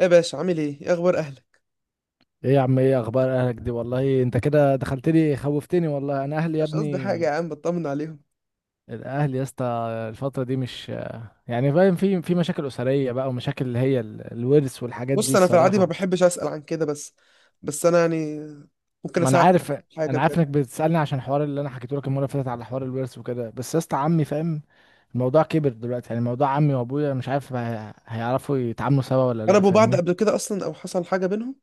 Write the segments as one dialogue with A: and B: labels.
A: إيه يا باشا، عامل ايه؟ ايه اخبار اهلك؟
B: ايه يا عم، ايه اخبار اهلك دي؟ والله انت كده دخلت لي خوفتني والله. انا اهلي يا
A: مش قصدي
B: ابني،
A: حاجه يا عم، بطمن عليهم.
B: الاهل يا اسطى. الفتره دي مش يعني فاهم، في مشاكل اسريه بقى، ومشاكل اللي هي الورث والحاجات دي
A: بص، انا في العادي ما
B: الصراحه.
A: بحبش اسال عن كده، بس انا يعني ممكن
B: ما انا
A: اساعدك
B: عارف.
A: في حاجه
B: انا عارف
A: بجد.
B: انك بتسالني عشان الحوار اللي انا حكيته لك المره اللي فاتت على حوار الورث وكده، بس يا اسطى عمي فاهم. الموضوع كبر دلوقتي، يعني موضوع عمي وابويا مش عارف هيعرفوا يتعاملوا سوا ولا لا،
A: قربوا بعض
B: فاهمني؟
A: قبل كده اصلا، او حصل حاجه بينهم؟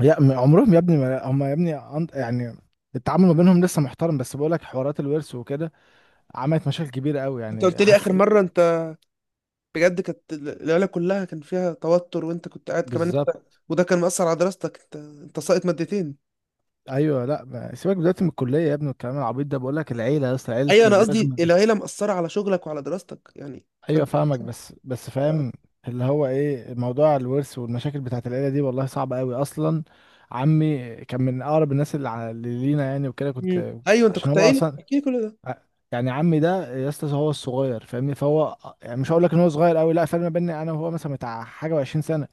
B: يا عمرهم يا ابني، ما هم يا ابني يعني التعامل ما بينهم لسه محترم، بس بقول لك حوارات الورث وكده عملت مشاكل كبيره قوي،
A: انت
B: يعني
A: قلت لي اخر
B: حاسس
A: مره، انت بجد كانت العيله كلها كان فيها توتر، وانت كنت قاعد كمان انت.
B: بالظبط.
A: وده كان مأثر على دراستك، انت ساقط مادتين.
B: ايوه، لا سيبك دلوقتي من الكليه يا ابني والكلام العبيط ده، بقول لك العيله يا اسطى، عيله
A: ايوه، انا
B: دلوقتي
A: قصدي العيله مأثره على شغلك وعلى دراستك، يعني
B: ايوه
A: فانت.
B: فاهمك، بس
A: آه.
B: فاهم. اللي هو ايه موضوع الورث والمشاكل بتاعت العيله دي، والله صعبه قوي اصلا. عمي كان من اقرب الناس اللي اللي لينا يعني، وكده
A: مم.
B: كنت.
A: ايوه، انت
B: عشان
A: كنت
B: هو
A: قايل
B: اصلا
A: احكي لي كل ده.
B: ع- يعني عمي ده يا اسطى هو الصغير، فاهمني؟ فهو يعني مش هقول لك ان هو صغير قوي، لا، فرق ما بيني انا وهو مثلا بتاع حاجه و20 سنه.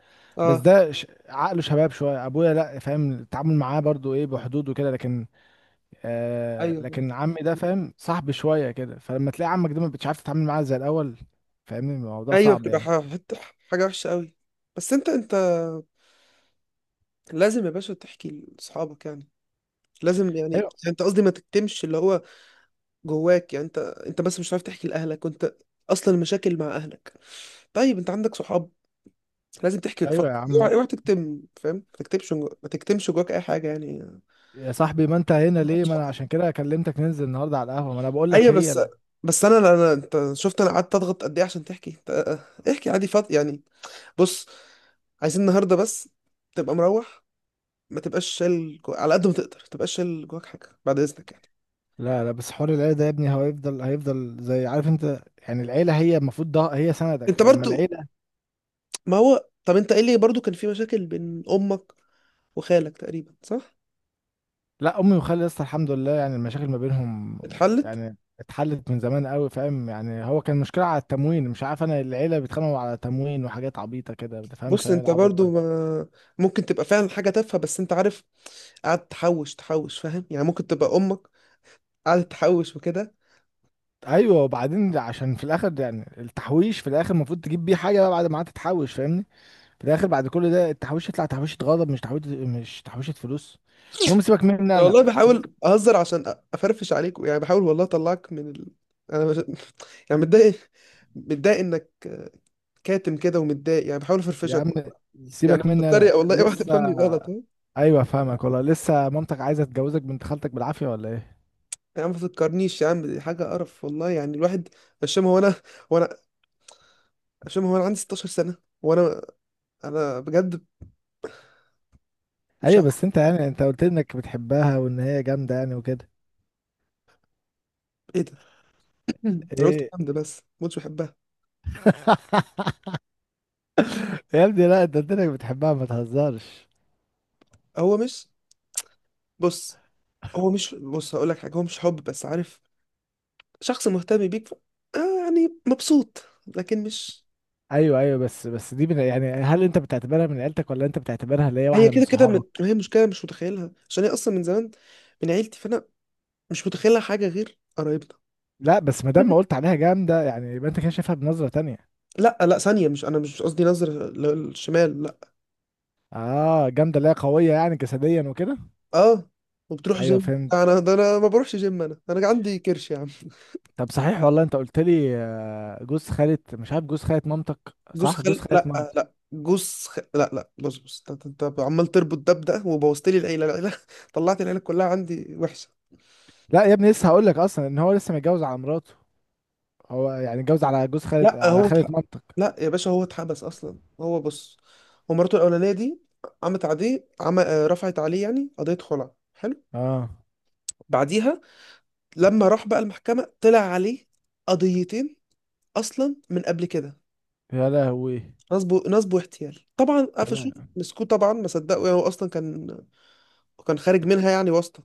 B: بس
A: اه،
B: ده عقله شباب شويه، ابويا لا، فاهم التعامل معاه برضو ايه بحدود وكده، لكن آه،
A: ايوه،
B: لكن عمي ده فاهم صاحب شويه كده، فلما تلاقي عمك ده مش عارف تتعامل معاه زي الاول، فاهمني الموضوع
A: ايوه.
B: صعب
A: بتبقى
B: يعني.
A: حته حاجه وحشه قوي. بس انت لازم يا باشا تحكي لاصحابك يعني. لازم يعني
B: ايوه
A: انت قصدي ما تكتمش اللي هو جواك يعني. انت بس مش عارف تحكي لاهلك، وانت اصلا المشاكل مع اهلك. طيب، انت عندك صحاب. لازم تحكي
B: ايوه يا
A: وتفكر،
B: عم،
A: اوعى اوعى تكتم فاهم، ما تكتمش ما تكتمش جواك اي حاجه يعني.
B: يا صاحبي ما انت هنا ليه؟ ما انا عشان كده كلمتك ننزل النهارده على القهوه، ما انا بقول لك
A: ايوه، بس
B: هي.
A: بس انا انت شفت انا قعدت اضغط قد ايه عشان تحكي انت، احكي عادي فاضي يعني. بص، عايزين النهارده بس تبقى مروح، ما تبقاش شايل على قد ما تقدر ما تبقاش شايل جواك حاجه، بعد اذنك يعني.
B: لا لا، بس حوار العيلة ده يا ابني هو هيفضل زي عارف انت، يعني العيلة هي المفروض ده هي سندك،
A: انت
B: فلما
A: برضو،
B: العيلة.
A: ما هو طب انت ايه اللي برضو كان في مشاكل بين امك وخالك تقريبا، صح؟
B: لا امي وخالي لسه الحمد لله، يعني المشاكل ما بينهم
A: اتحلت؟
B: يعني اتحلت من زمان قوي، فاهم؟ يعني هو كان مشكلة على التموين، مش عارف، انا العيلة بيتخانقوا على تموين وحاجات عبيطة كده، ما تفهمش
A: بص،
B: انا إيه
A: انت
B: العبط
A: برضو
B: ده.
A: ما ممكن تبقى فعلا حاجه تافهه، بس انت عارف قعدت تحوش تحوش فاهم، يعني ممكن تبقى امك قعدت تحوش وكده.
B: ايوه، وبعدين عشان في الاخر يعني التحويش في الاخر المفروض تجيب بيه حاجة بقى بعد ما قعدت تحوش، فاهمني؟ في الاخر بعد كل ده التحويش يطلع تحويشة غضب، مش تحويشة فلوس. المهم سيبك مني
A: انا
B: انا،
A: والله
B: سيبك.
A: بحاول اهزر عشان افرفش عليك يعني، بحاول والله اطلعك من انا مش... يعني متضايق، متضايق انك كاتم كده ومتضايق، يعني بحاول
B: يا
A: افرفشك.
B: عم
A: يعني
B: سيبك
A: أنا
B: مني انا
A: بتريق والله، اوعى
B: لسه.
A: تفهمني غلط، ها؟
B: ايوه فاهمك، والله لسه مامتك عايزه تجوزك بنت خالتك بالعافيه ولا ايه؟
A: يا عم ما تفكرنيش يا عم، دي حاجه قرف والله، يعني الواحد. هشام هو انا هو انا هشام هو انا، عندي 16 سنه، وانا بجد مش
B: ايوه،
A: عارف.
B: بس انت يعني انت قلت لي انك بتحبها وان هي جامده يعني وكده.
A: ايه ده؟ انا قلت
B: ايه
A: الكلام ده، بس ما كنتش بحبها.
B: يا ابني، لا انت قلت لك بتحبها ما تهزرش.
A: هو مش بص هو مش بص هقول لك حاجه، هو مش حب بس عارف. شخص مهتم بيك، يعني مبسوط، لكن مش.
B: ايوه ايوه، بس دي من، يعني هل انت بتعتبرها من عيلتك ولا انت بتعتبرها اللي هي
A: هي
B: واحده من
A: كده كده
B: صحابك؟
A: هي مشكله مش متخيلها، عشان هي اصلا من زمان من عيلتي، فانا مش متخيلها حاجه غير قرايبنا.
B: لا، بس ما دام ما قلت عليها جامده يعني يبقى انت كده شايفها بنظره تانية.
A: لا لا، ثانية مش، أنا مش قصدي نظر للشمال، لا.
B: اه جامده اللي هي قويه يعني جسديا وكده.
A: أه. وبتروح
B: ايوه
A: جيم،
B: فهمت.
A: لا، أنا ده أنا ما بروحش جيم، أنا عندي كرش يا عم.
B: طب صحيح، والله انت قلت لي آه، جوز خالة مش عارف جوز خالة مامتك،
A: جوز
B: صح؟ جوز
A: خل
B: خالة
A: لا،
B: مامتك.
A: لا لا لا، بص بص، أنت عمال تربط ده بده وبوظت لي العيلة، لا لا. طلعت العيلة كلها عندي وحشة.
B: لا يا ابني لسه هقول لك اصلا ان هو لسه متجوز على مراته، هو يعني اتجوز على جوز خالة،
A: لا
B: على
A: هو
B: خالة
A: اتح...
B: مامتك؟
A: لا يا باشا، هو اتحبس أصلا. هو، بص، هو مراته الأولانية دي قامت عليه رفعت عليه يعني قضية خلع، حلو.
B: اه.
A: بعديها لما راح بقى المحكمة، طلع عليه قضيتين أصلا من قبل كده،
B: يا لهوي.
A: نصب نصب واحتيال، طبعا
B: يا
A: قفشوه
B: لهوي.
A: مسكوه طبعا، ما صدقوا يعني، هو اصلا كان، كان خارج منها يعني واسطه،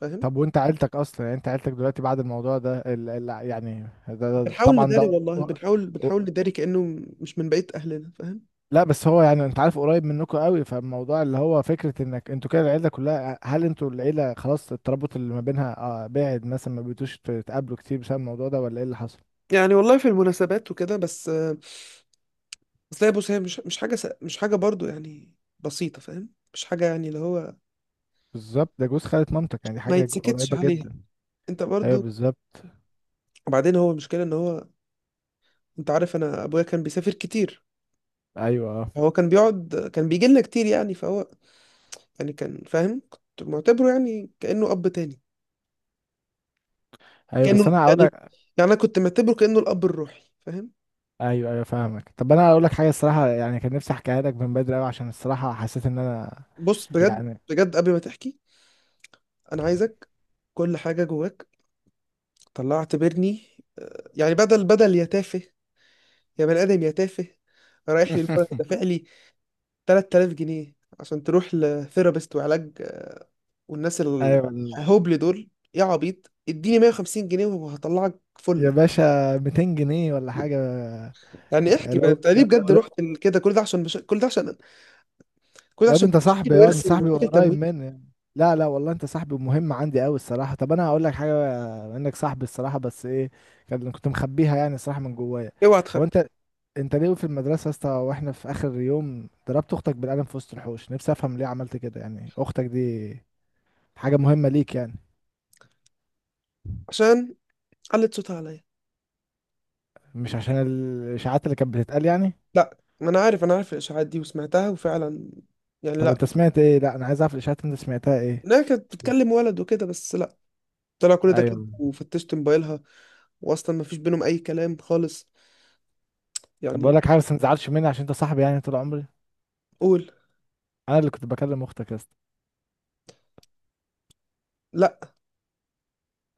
A: فاهم.
B: طب وانت عيلتك اصلا، يعني انت عيلتك دلوقتي بعد الموضوع ده يعني
A: بنحاول
B: طبعا
A: نداري
B: ده.
A: والله، بنحاول نداري كانه مش من بقيه اهلنا، فاهم؟
B: لا بس هو يعني انت عارف قريب منكم قوي، فالموضوع اللي هو فكره انك انتوا كده العيله كلها، هل انتوا العيله خلاص الترابط اللي ما بينها آه بعد مثلا ما بقيتوش تتقابلوا كتير بسبب الموضوع ده ولا ايه اللي حصل؟
A: يعني والله في المناسبات وكده، بس. بس لا بص، هي مش حاجه مش حاجه برضو يعني بسيطه، فاهم؟ مش حاجه يعني اللي هو
B: بالظبط ده جوز خالة مامتك، يعني دي
A: ما
B: حاجه
A: يتسكتش
B: قريبه
A: عليها،
B: جدا.
A: انت
B: ايوه
A: برضو.
B: بالظبط.
A: وبعدين هو، المشكله ان هو، انت عارف انا ابويا كان بيسافر كتير،
B: ايوه اه،
A: هو كان بيقعد، كان بيجي لنا كتير يعني، فهو يعني كان، فاهم كنت معتبره يعني كأنه أب تاني،
B: ايوه بس
A: كأنه
B: انا هقول
A: يعني،
B: لك.
A: يعني أنا كنت معتبره كأنه الأب الروحي، فاهم.
B: ايوه ايوه فاهمك. طب انا هقول لك حاجه، الصراحه يعني كان نفسي احكيها لك من بدري قوي عشان الصراحه حسيت ان انا
A: بص، بجد
B: يعني
A: بجد قبل ما تحكي، أنا عايزك كل حاجة جواك طلعت اعتبرني، يعني بدل بدل يا تافه، يا بني آدم يا تافه، رايح لي المرة دافع لي 3000 جنيه عشان تروح لثيرابيست وعلاج. والناس
B: ايوه
A: الهبل دول يا عبيط، اديني 150 جنيه وهطلعك
B: يا
A: فلة.
B: باشا 200 جنيه ولا حاجه؟
A: يعني احكي بقى،
B: لو
A: انت ليه بجد
B: لو
A: رحت كده؟ كل ده عشان مش... كل ده
B: يا ده
A: عشان
B: انت صاحبي،
A: مشاكل
B: يا ده انت
A: ورث
B: صاحبي
A: ومشاكل
B: قريب
A: تمويل.
B: مني يعني. لا لا والله انت صاحبي مهم عندي قوي الصراحه. طب انا هقول لك حاجه، بما انك صاحبي الصراحه، بس ايه كان كنت مخبيها يعني الصراحه من جوايا.
A: اوعى
B: هو
A: تخبي.
B: انت، انت ليه في المدرسه يا اسطى واحنا في اخر يوم ضربت اختك بالقلم في وسط الحوش؟ نفسي افهم ليه عملت كده، يعني اختك دي حاجه مهمه ليك يعني؟
A: عشان علت صوتها عليا.
B: مش عشان الاشاعات اللي كانت بتتقال يعني؟
A: لا، ما انا عارف الاشاعات دي وسمعتها، وفعلا يعني
B: طب
A: لا،
B: انت سمعت ايه؟ لا انا عايز اعرف الاشاعات اللي انت سمعتها ايه؟
A: انها كانت بتكلم ولد وكده، بس لا، طلع كل ده كده
B: ايوه.
A: وفتشت موبايلها، واصلا ما فيش بينهم اي كلام خالص
B: طب
A: يعني.
B: بقول لك حاجه، بس ما تزعلش مني عشان انت صاحبي يعني طول عمري.
A: قول.
B: انا اللي كنت بكلم اختك يا اسطى.
A: لا،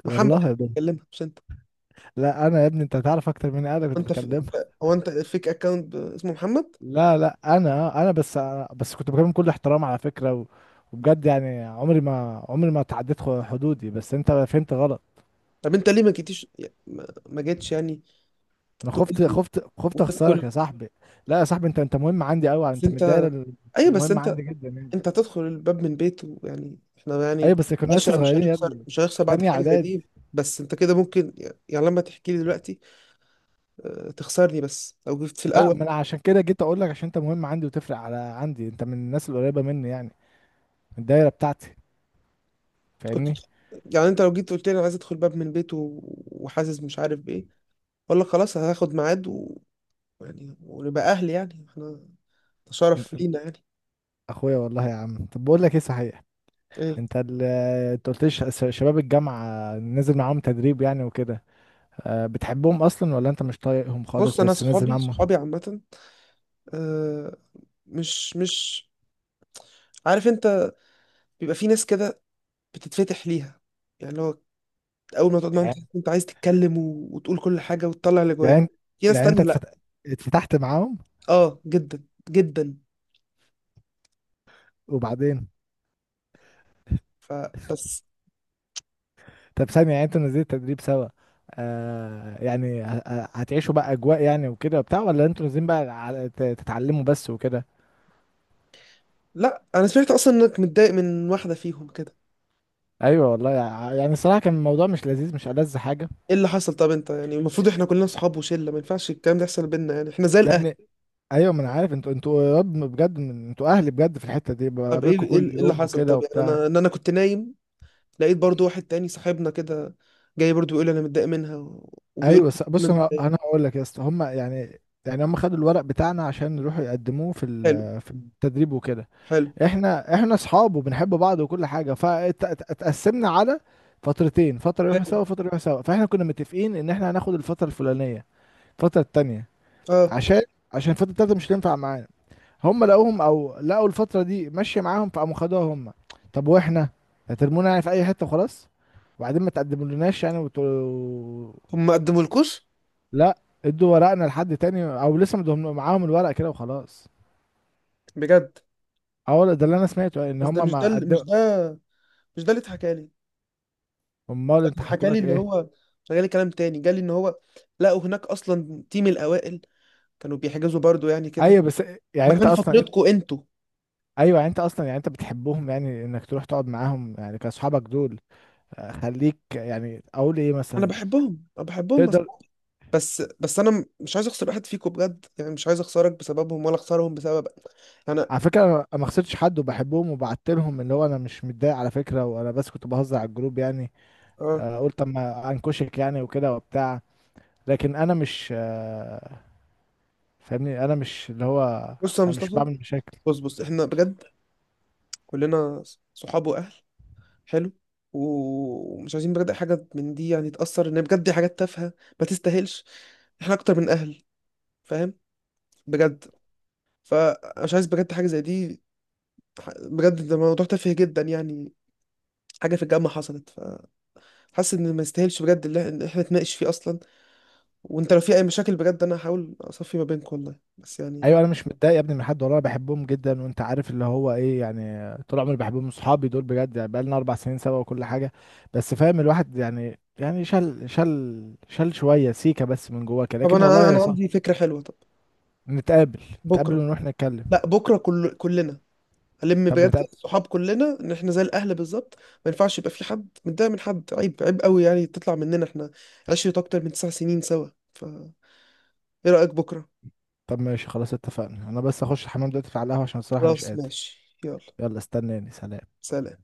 A: محمد اللي
B: والله ده،
A: بيكلمها، مش انت.
B: لا انا يا ابني انت هتعرف اكتر مني، انا
A: هو
B: كنت
A: انت في...
B: بكلمها.
A: هو انت فيك اكونت اسمه محمد.
B: لا لا انا بس كنت بكلم كل احترام على فكره، و... وبجد يعني عمري ما عمري ما تعديت حدودي، بس انت فهمت غلط.
A: طب انت ليه ما جيتيش يعني، ما جيتش يعني
B: انا
A: تقول
B: خفت
A: لي
B: خفت خفت اخسرك
A: وتدخل؟
B: يا صاحبي. لا يا صاحبي انت، انت مهم عندي قوي،
A: بس
B: انت من
A: انت،
B: الدايره
A: ايوه بس
B: المهمه
A: انت،
B: عندي جدا يعني.
A: انت هتدخل الباب من بيته، يعني احنا
B: ايوه
A: يعني
B: بس كنا لسه
A: عشرة، مش
B: صغيرين يا
A: هنخسر
B: ابني،
A: مش هنخسر
B: في
A: بعد
B: تانية
A: حاجة زي دي.
B: اعدادي.
A: بس انت كده ممكن يعني، لما تحكي لي دلوقتي اه، تخسرني، بس لو جبت في
B: لا
A: الاول
B: ما انا عشان كده جيت اقول لك عشان انت مهم عندي وتفرق على عندي، انت من الناس القريبه مني يعني، من الدايره بتاعتي،
A: كنت
B: فاهمني؟
A: يعني، انت لو جيت قلت لي انا عايز ادخل باب من بيته، وحاسس مش عارف بايه، اقول لك خلاص هاخد ميعاد يعني ونبقى اهل، يعني احنا ده شرف لينا يعني.
B: اخويا والله يا عم. طب بقول لك ايه صحيح،
A: ايه؟
B: انت انت قلت لي شباب الجامعه نزل معاهم تدريب يعني وكده، أه بتحبهم اصلا ولا انت مش طايقهم خالص
A: بص، انا
B: بس نزل
A: صحابي
B: معاهم؟
A: صحابي عامة، اه، مش عارف انت، بيبقى في ناس كده بتتفتح ليها يعني، لو اول ما تقعد معاهم تحس إن
B: يعني،
A: انت عايز تتكلم وتقول كل حاجه وتطلع اللي جواك.
B: يعني أنت-
A: في ناس
B: يعني
A: تانية
B: انت
A: لا.
B: اتفتحت معاهم
A: اه، جدا جدا.
B: وبعدين؟
A: فبس.
B: طب ثانيه، يعني انتوا نزلت تدريب سوا، أه يعني هتعيشوا بقى اجواء يعني وكده وبتاع ولا انتوا نازلين بقى تتعلموا بس وكده؟
A: لا، انا سمعت اصلا انك متضايق من واحده فيهم كده.
B: ايوه والله يعني الصراحه كان الموضوع مش لذيذ، مش ألذ حاجه.
A: ايه اللي حصل طب؟ انت يعني المفروض احنا كلنا صحاب وشله، ما ينفعش الكلام ده يحصل بينا يعني، احنا زي
B: يا
A: الاهل.
B: ابني ايوه، ما انا عارف انتوا يا رب بجد انتوا اهلي بجد في الحته دي،
A: طب، ايه
B: بقابلكم
A: ايه
B: كل
A: إيه اللي
B: يوم
A: حصل
B: وكده
A: طب؟ يعني
B: وبتاع.
A: انا انا كنت نايم، لقيت برضو واحد تاني صاحبنا كده جاي برضو بيقول انا متضايق منها وبيقول
B: ايوه
A: أنا
B: بص، انا
A: متضايق.
B: انا هقول لك يا اسطى هم يعني، يعني هم خدوا الورق بتاعنا عشان يروحوا يقدموه في
A: حلو
B: في التدريب وكده.
A: حلو
B: احنا اصحاب وبنحب بعض وكل حاجه، فاتقسمنا على فترتين، فتره يروحوا
A: حلو.
B: سوا، فتره يروحوا سوا، فاحنا كنا متفقين ان احنا هناخد الفتره الفلانيه، الفتره التانيه
A: اه.
B: عشان الفتره التالته مش هتنفع معانا، هم لقوهم او لقوا الفتره دي ماشيه معاهم فقاموا خدوها هم. طب واحنا هترمونا يعني في اي حته وخلاص، وبعدين ما تقدمولناش يعني وتقولوا.
A: هم ما قدمولكوش
B: لا، ادوا ورقنا لحد تاني او لسه مدهم معاهم الورق كده وخلاص.
A: بجد؟
B: اه ده اللي انا سمعته، يعني ان
A: بس ده
B: هم
A: مش ده
B: ما
A: اللي- مش
B: قدموا.
A: ده مش ده اللي اتحكى لي.
B: امال انت حكوا
A: اتحكى لي
B: لك
A: اللي
B: ايه؟
A: هو جالي كلام تاني، جالي ان هو لقوا هناك اصلا تيم الاوائل كانوا بيحجزوا برضو يعني كده،
B: ايوه بس يعني
A: ما
B: انت
A: كان
B: اصلا انت.
A: فترتكوا انتوا.
B: ايوه يعني انت اصلا يعني انت بتحبهم يعني، انك تروح تقعد معاهم يعني كاصحابك دول؟ آه، خليك يعني اقول ايه
A: انا
B: مثلا،
A: بحبهم، انا بحبهم بس،
B: تقدر.
A: بس انا مش عايز اخسر واحد فيكم بجد، يعني مش عايز اخسرك بسببهم ولا اخسرهم بسبب انا.
B: على فكرة أنا ما خسرتش حد وبحبهم وبعت لهم، اللي هو أنا مش متضايق على فكرة، وأنا بس كنت بهزر على الجروب يعني.
A: اه.
B: آه، قلت أما أنكشك يعني وكده وبتاع، لكن أنا مش آه، فاهمني أنا مش اللي هو،
A: بص يا
B: أنا مش
A: مصطفى،
B: بعمل مشاكل.
A: بص بص، احنا بجد كلنا صحاب واهل. حلو. ومش عايزين بجد أي حاجه من دي يعني تاثر، ان بجد دي حاجات تافهه ما تستاهلش، احنا اكتر من اهل، فاهم؟ بجد. فمش عايز بجد حاجه زي دي، بجد ده موضوع تافه جدا يعني، حاجة في الجامعة حصلت، فحاسس إن ما يستاهلش بجد اللي إن إحنا نتناقش فيه أصلا. وأنت لو في أي مشاكل بجد، أنا هحاول أصفي ما بينك، والله بس
B: أيوة
A: يعني.
B: أنا مش متضايق يا ابني من حد والله، أنا بحبهم جدا، وأنت عارف اللي هو إيه، يعني طول عمري بحبهم أصحابي دول بجد، يعني بقالنا 4 سنين سوا وكل حاجة. بس فاهم الواحد يعني، يعني شل شوية سيكة بس من جواك،
A: طب
B: لكن
A: أنا
B: والله
A: أنا
B: يا
A: أنا
B: صاحبي.
A: عندي فكرة حلوة، طب
B: نتقابل. نتقابل
A: بكرة،
B: ونروح نتكلم.
A: لا بكرة كلنا هلم
B: طب
A: بجد،
B: نتقابل.
A: الصحاب كلنا إن إحنا زي الأهل بالظبط. ما ينفعش يبقى في حد متضايق من حد، عيب عيب قوي يعني تطلع مننا إحنا عشرة أكتر من 9 سنين سوا. فإيه رأيك بكرة؟
B: طب ماشي خلاص اتفقنا، انا بس اخش الحمام دلوقتي، في على القهوة عشان الصراحة مش
A: خلاص
B: قادر.
A: ماشي، يلا
B: يلا استناني، سلام.
A: سلام.